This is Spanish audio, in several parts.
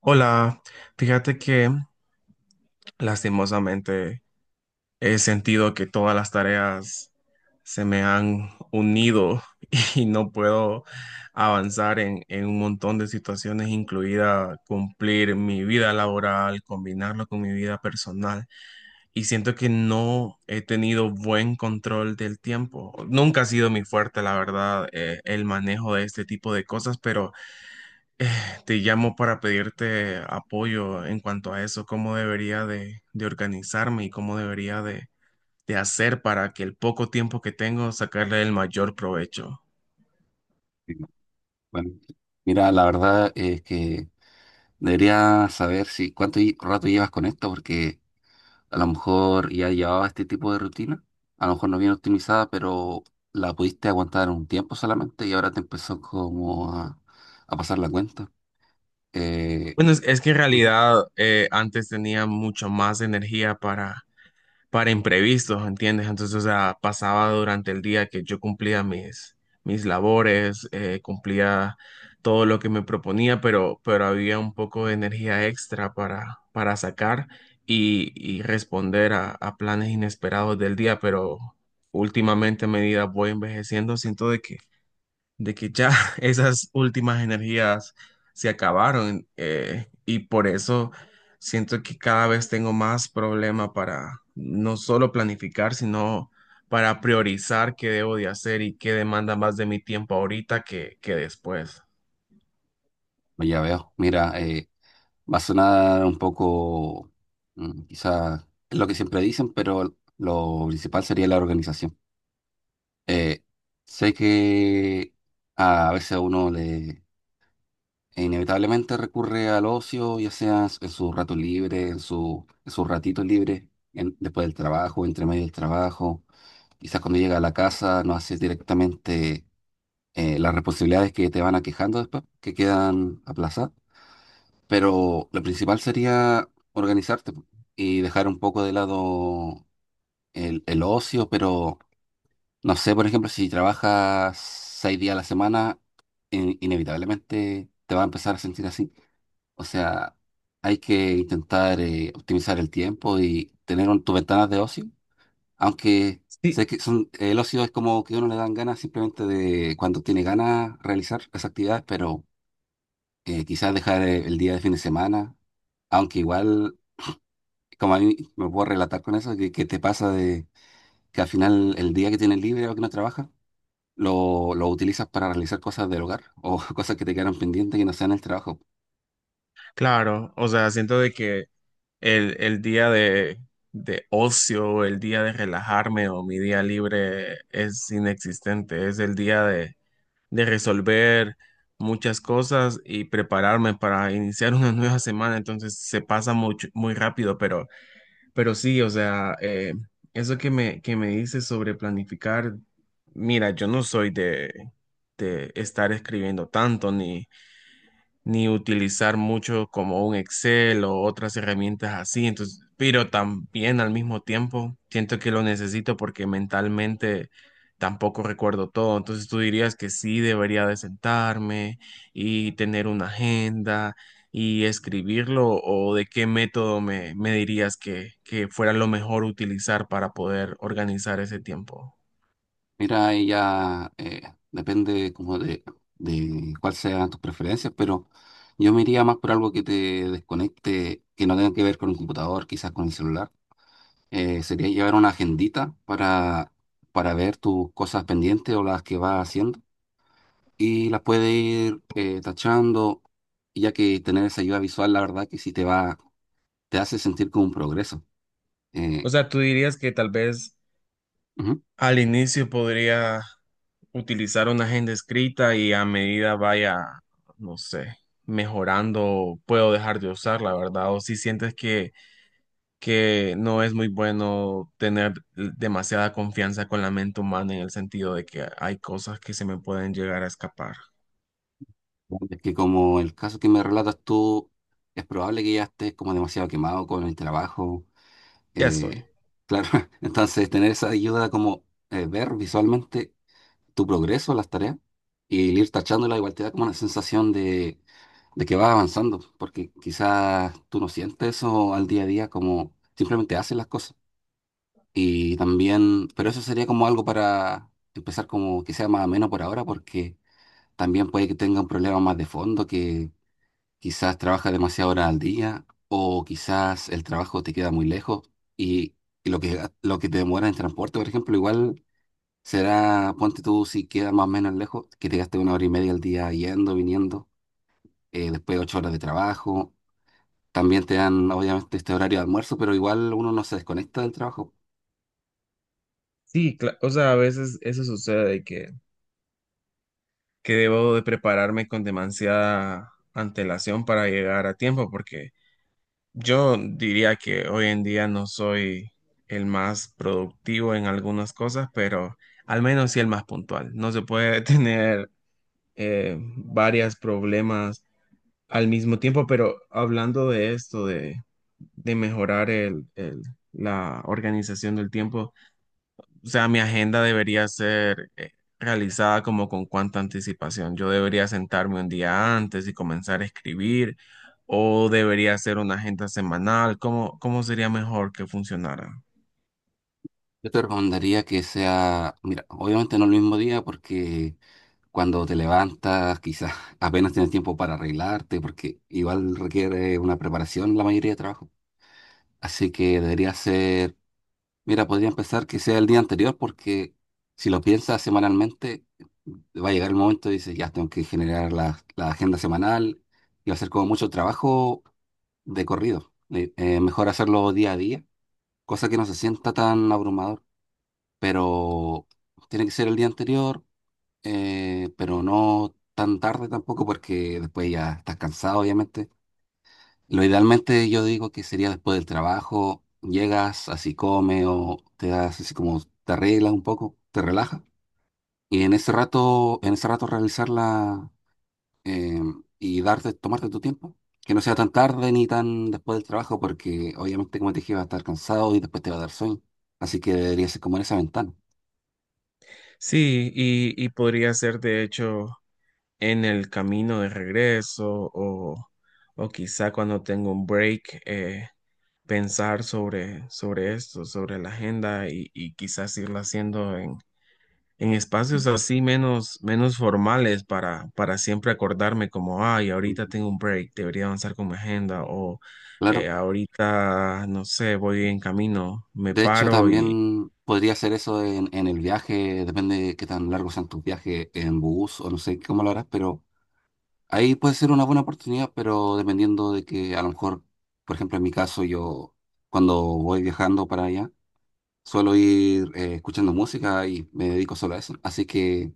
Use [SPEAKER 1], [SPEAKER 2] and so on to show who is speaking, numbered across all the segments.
[SPEAKER 1] Hola, fíjate que lastimosamente he sentido que todas las tareas se me han unido y no puedo avanzar en un montón de situaciones, incluida cumplir mi vida laboral, combinarlo con mi vida personal. Y siento que no he tenido buen control del tiempo. Nunca ha sido mi fuerte, la verdad, el manejo de este tipo de cosas, pero... Eh, Te llamo para pedirte apoyo en cuanto a eso, cómo debería de organizarme y cómo debería de hacer para que el poco tiempo que tengo sacarle el mayor provecho.
[SPEAKER 2] Sí. Bueno, mira, la verdad es que debería saber si rato llevas con esto, porque a lo mejor ya llevaba este tipo de rutina, a lo mejor no bien optimizada, pero la pudiste aguantar un tiempo solamente y ahora te empezó como a pasar la cuenta. Eh,
[SPEAKER 1] Bueno, es que en
[SPEAKER 2] ujú,
[SPEAKER 1] realidad antes tenía mucho más energía para imprevistos, ¿entiendes? Entonces, o sea, pasaba durante el día que yo cumplía mis labores, cumplía todo lo que me proponía, pero había un poco de energía extra para sacar y responder a planes inesperados del día, pero últimamente a medida voy envejeciendo, siento de que ya esas últimas energías se acabaron y por eso siento que cada vez tengo más problema para no solo planificar, sino para priorizar qué debo de hacer y qué demanda más de mi tiempo ahorita que después.
[SPEAKER 2] pues ya veo. Mira, va a sonar un poco, quizá es lo que siempre dicen, pero lo principal sería la organización. Eh, sé que a veces a uno le e inevitablemente recurre al ocio, ya sea en su rato libre, en en sus ratitos libres, después del trabajo, entre medio del trabajo. Quizás cuando llega a la casa no haces directamente las responsabilidades que te van aquejando después, que quedan aplazadas. Pero lo principal sería organizarte po, y dejar un poco de lado el ocio. Pero no sé, por ejemplo, si trabajas seis días a la semana, inevitablemente te va a empezar a sentir así. O sea, hay que intentar optimizar el tiempo y tener tus ventanas de ocio, aunque
[SPEAKER 1] Sí.
[SPEAKER 2] sé que son, el ocio es como que a uno le dan ganas simplemente de cuando tiene ganas realizar las actividades, pero quizás dejar el día de fin de semana, aunque igual, como a mí me puedo relatar con eso, que te pasa de que al final el día que tienes libre o que no trabajas, lo utilizas para realizar cosas del hogar o cosas que te quedaron pendientes que no sean el trabajo.
[SPEAKER 1] Claro, o sea, siento de que el día de ocio, el día de relajarme o mi día libre es inexistente. Es el día de resolver muchas cosas y prepararme para iniciar una nueva semana. Entonces se pasa mucho, muy rápido, pero sí, o sea, eso que que me dices sobre planificar, mira, yo no soy de estar escribiendo tanto ni ni utilizar mucho como un Excel o otras herramientas así. Entonces, pero también al mismo tiempo siento que lo necesito porque mentalmente tampoco recuerdo todo. Entonces, tú dirías que sí debería de sentarme y tener una agenda y escribirlo o de qué método me dirías que fuera lo mejor utilizar para poder organizar ese tiempo.
[SPEAKER 2] Mira, ahí ya depende como de cuáles sean tus preferencias, pero yo me iría más por algo que te desconecte, que no tenga que ver con el computador, quizás con el celular. Sería llevar una agendita para ver tus cosas pendientes o las que vas haciendo y las puedes ir tachando, ya que tener esa ayuda visual, la verdad que sí te va, te hace sentir como un progreso.
[SPEAKER 1] O
[SPEAKER 2] Eh,
[SPEAKER 1] sea, tú dirías que tal vez
[SPEAKER 2] ujú.
[SPEAKER 1] al inicio podría utilizar una agenda escrita y a medida vaya, no sé, mejorando, puedo dejar de usarla, ¿verdad? O si sientes que no es muy bueno tener demasiada confianza con la mente humana en el sentido de que hay cosas que se me pueden llegar a escapar.
[SPEAKER 2] Es que como el caso que me relatas tú, es probable que ya estés como demasiado quemado con el trabajo.
[SPEAKER 1] Ya
[SPEAKER 2] eh,
[SPEAKER 1] estoy.
[SPEAKER 2] claro, entonces tener esa ayuda como ver visualmente tu progreso, las tareas, y el ir tachándola igual te da como una sensación de que vas avanzando, porque quizás tú no sientes eso al día a día como simplemente haces las cosas. Y también, pero eso sería como algo para empezar como que sea más ameno por ahora, porque también puede que tenga un problema más de fondo, que quizás trabajas demasiadas horas al día o quizás el trabajo te queda muy lejos y, y lo que te demora en transporte, por ejemplo, igual será, ponte tú si queda más o menos lejos, que te gastes una hora y media al día yendo, viniendo, después ocho horas de trabajo. También te dan, obviamente, este horario de almuerzo, pero igual uno no se desconecta del trabajo.
[SPEAKER 1] Sí, cla- o sea, a veces eso sucede que debo de prepararme con demasiada antelación para llegar a tiempo porque yo diría que hoy en día no soy el más productivo en algunas cosas, pero al menos sí el más puntual. No se puede tener varios problemas al mismo tiempo, pero hablando de esto, de mejorar la organización del tiempo, o sea, mi agenda debería ser realizada como con cuánta anticipación. Yo debería sentarme un día antes y comenzar a escribir, o debería ser una agenda semanal. ¿Cómo, cómo sería mejor que funcionara?
[SPEAKER 2] Yo te recomendaría que sea, mira, obviamente no el mismo día porque cuando te levantas, quizás apenas tienes tiempo para arreglarte, porque igual requiere una preparación la mayoría de trabajo. Así que debería ser, mira, podría empezar que sea el día anterior, porque si lo piensas semanalmente, va a llegar el momento y dices, ya tengo que generar la agenda semanal y va a ser como mucho trabajo de corrido. Mejor hacerlo día a día, cosa que no se sienta tan abrumador, pero tiene que ser el día anterior pero no tan tarde tampoco porque después ya estás cansado, obviamente. Lo idealmente yo digo que sería después del trabajo, llegas, así comes o te das así como te arreglas un poco, te relajas y en ese rato realizarla eh, y darte, tomarte tu tiempo. Que no sea tan tarde ni tan después del trabajo porque obviamente como te dije vas a estar cansado y después te va a dar sueño. Así que debería ser como en esa ventana.
[SPEAKER 1] Sí, y podría ser de hecho en el camino de regreso o quizá cuando tengo un break, pensar sobre esto, sobre la agenda y quizás irla haciendo en espacios así menos, menos formales para siempre acordarme como, ay, ahorita
[SPEAKER 2] Ujú.
[SPEAKER 1] tengo un break, debería avanzar con mi agenda o
[SPEAKER 2] Claro.
[SPEAKER 1] ahorita, no sé, voy en camino, me
[SPEAKER 2] De hecho,
[SPEAKER 1] paro y,
[SPEAKER 2] también podría ser eso en el viaje, depende de qué tan largos sean tus viajes en bus o no sé cómo lo harás, pero ahí puede ser una buena oportunidad, pero dependiendo de que a lo mejor, por ejemplo, en mi caso, yo cuando voy viajando para allá, suelo ir escuchando música y me dedico solo a eso. Así que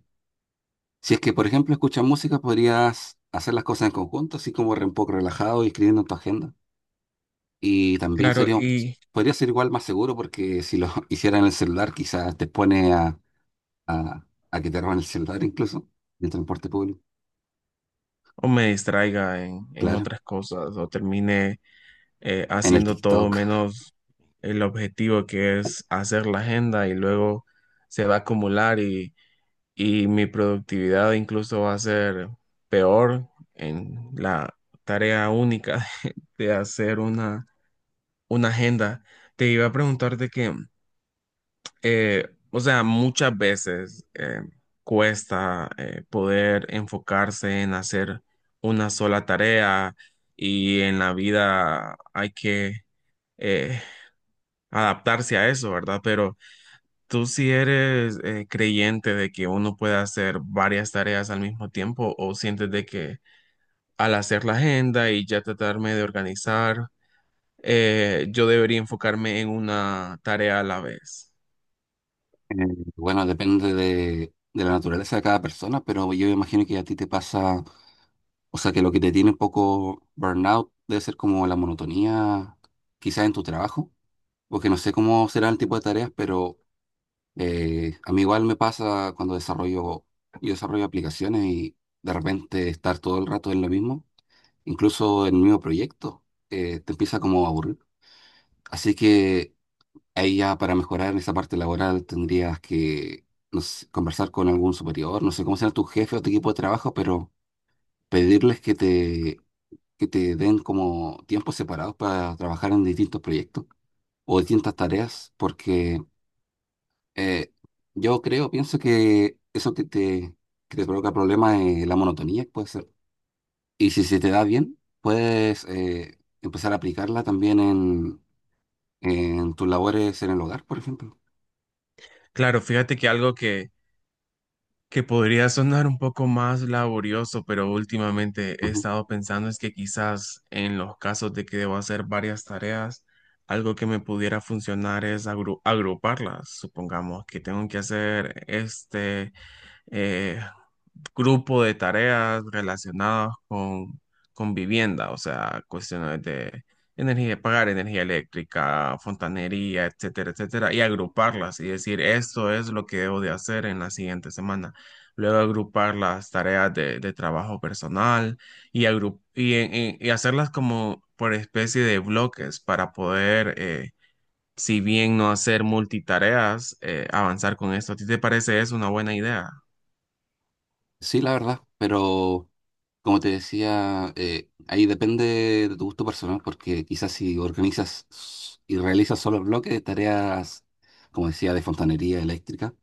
[SPEAKER 2] si es que, por ejemplo, escuchas música, podrías hacer las cosas en conjunto, así como un poco relajado y escribiendo en tu agenda. Y también
[SPEAKER 1] claro,
[SPEAKER 2] sería,
[SPEAKER 1] y
[SPEAKER 2] podría ser igual más seguro porque si lo hicieran en el celular, quizás te expone a, a que te roben el celular incluso en el transporte público,
[SPEAKER 1] o me distraiga en
[SPEAKER 2] claro,
[SPEAKER 1] otras cosas o termine
[SPEAKER 2] en el
[SPEAKER 1] haciendo todo
[SPEAKER 2] TikTok.
[SPEAKER 1] menos el objetivo que es hacer la agenda y luego se va a acumular y mi productividad incluso va a ser peor en la tarea única de hacer una agenda. Te iba a preguntar de que, o sea, muchas veces cuesta poder enfocarse en hacer una sola tarea y en la vida hay que eh, adaptarse a eso, ¿verdad? Pero ¿tú si eres creyente de que uno puede hacer varias tareas al mismo tiempo o sientes de que al hacer la agenda y ya tratarme de organizar, yo debería enfocarme en una tarea a la vez?
[SPEAKER 2] Eh, bueno, depende de la naturaleza de cada persona, pero yo imagino que a ti te pasa, o sea, que lo que te tiene un poco burnout debe ser como la monotonía, quizás en tu trabajo, porque no sé cómo será el tipo de tareas. Pero a mí igual me pasa cuando desarrollo, yo desarrollo aplicaciones y de repente estar todo el rato en lo mismo, incluso en el mismo proyecto, te empieza como a aburrir. Así que ahí ya para mejorar en esa parte laboral tendrías que no sé, conversar con algún superior, no sé cómo será tu jefe o tu equipo de trabajo, pero pedirles que te den como tiempos separados para trabajar en distintos proyectos o distintas tareas, porque Eh, yo creo, pienso que eso que te provoca problemas es la monotonía, puede ser. Y si se te da bien, puedes empezar a aplicarla también en tus labores en el hogar, por ejemplo.
[SPEAKER 1] Claro, fíjate que algo que podría sonar un poco más laborioso, pero últimamente he
[SPEAKER 2] Ujú.
[SPEAKER 1] estado pensando es que quizás en los casos de que debo hacer varias tareas, algo que me pudiera funcionar es agruparlas. Supongamos que tengo que hacer este eh, grupo de tareas relacionadas con vivienda, o sea, cuestiones de energía, de pagar energía eléctrica, fontanería, etcétera, etcétera, y agruparlas y decir, esto es lo que debo de hacer en la siguiente semana. Luego agrupar las tareas de trabajo personal y hacerlas como por especie de bloques para poder, si bien no hacer multitareas, avanzar con esto. ¿A ti te parece eso una buena idea?
[SPEAKER 2] Sí, la verdad, pero como te decía, ahí depende de tu gusto personal, porque quizás si y realizas solo bloques de tareas, como decía, de fontanería eléctrica,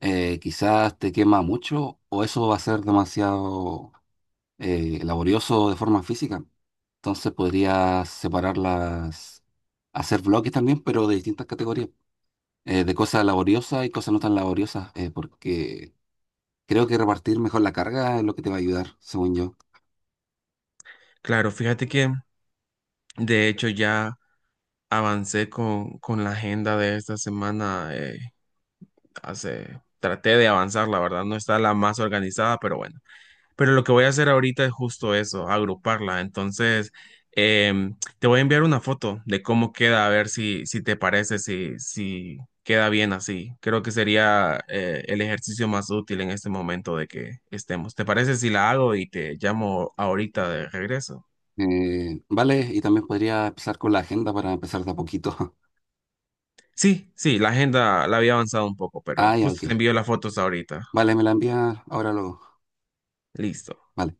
[SPEAKER 2] quizás te quema mucho o eso va a ser demasiado laborioso de forma física. Entonces podrías separarlas, hacer bloques también, pero de distintas categorías, de cosas laboriosas y cosas no tan laboriosas, porque creo que repartir mejor la carga es lo que te va a ayudar, según yo.
[SPEAKER 1] Claro, fíjate que de hecho ya avancé con la agenda de esta semana. Traté de avanzar, la verdad, no está la más organizada, pero bueno. Pero lo que voy a hacer ahorita es justo eso, agruparla. Entonces, te voy a enviar una foto de cómo queda, a ver si te parece, si queda bien así. Creo que sería el ejercicio más útil en este momento de que estemos. ¿Te parece si la hago y te llamo ahorita de regreso?
[SPEAKER 2] Vale, y también podría empezar con la agenda para empezar de a poquito.
[SPEAKER 1] Sí, sí, la agenda la había avanzado un poco, pero
[SPEAKER 2] Ah, ya,
[SPEAKER 1] justo
[SPEAKER 2] ok.
[SPEAKER 1] te envío las fotos ahorita.
[SPEAKER 2] Vale, me la envías ahora luego.
[SPEAKER 1] Listo.
[SPEAKER 2] Vale.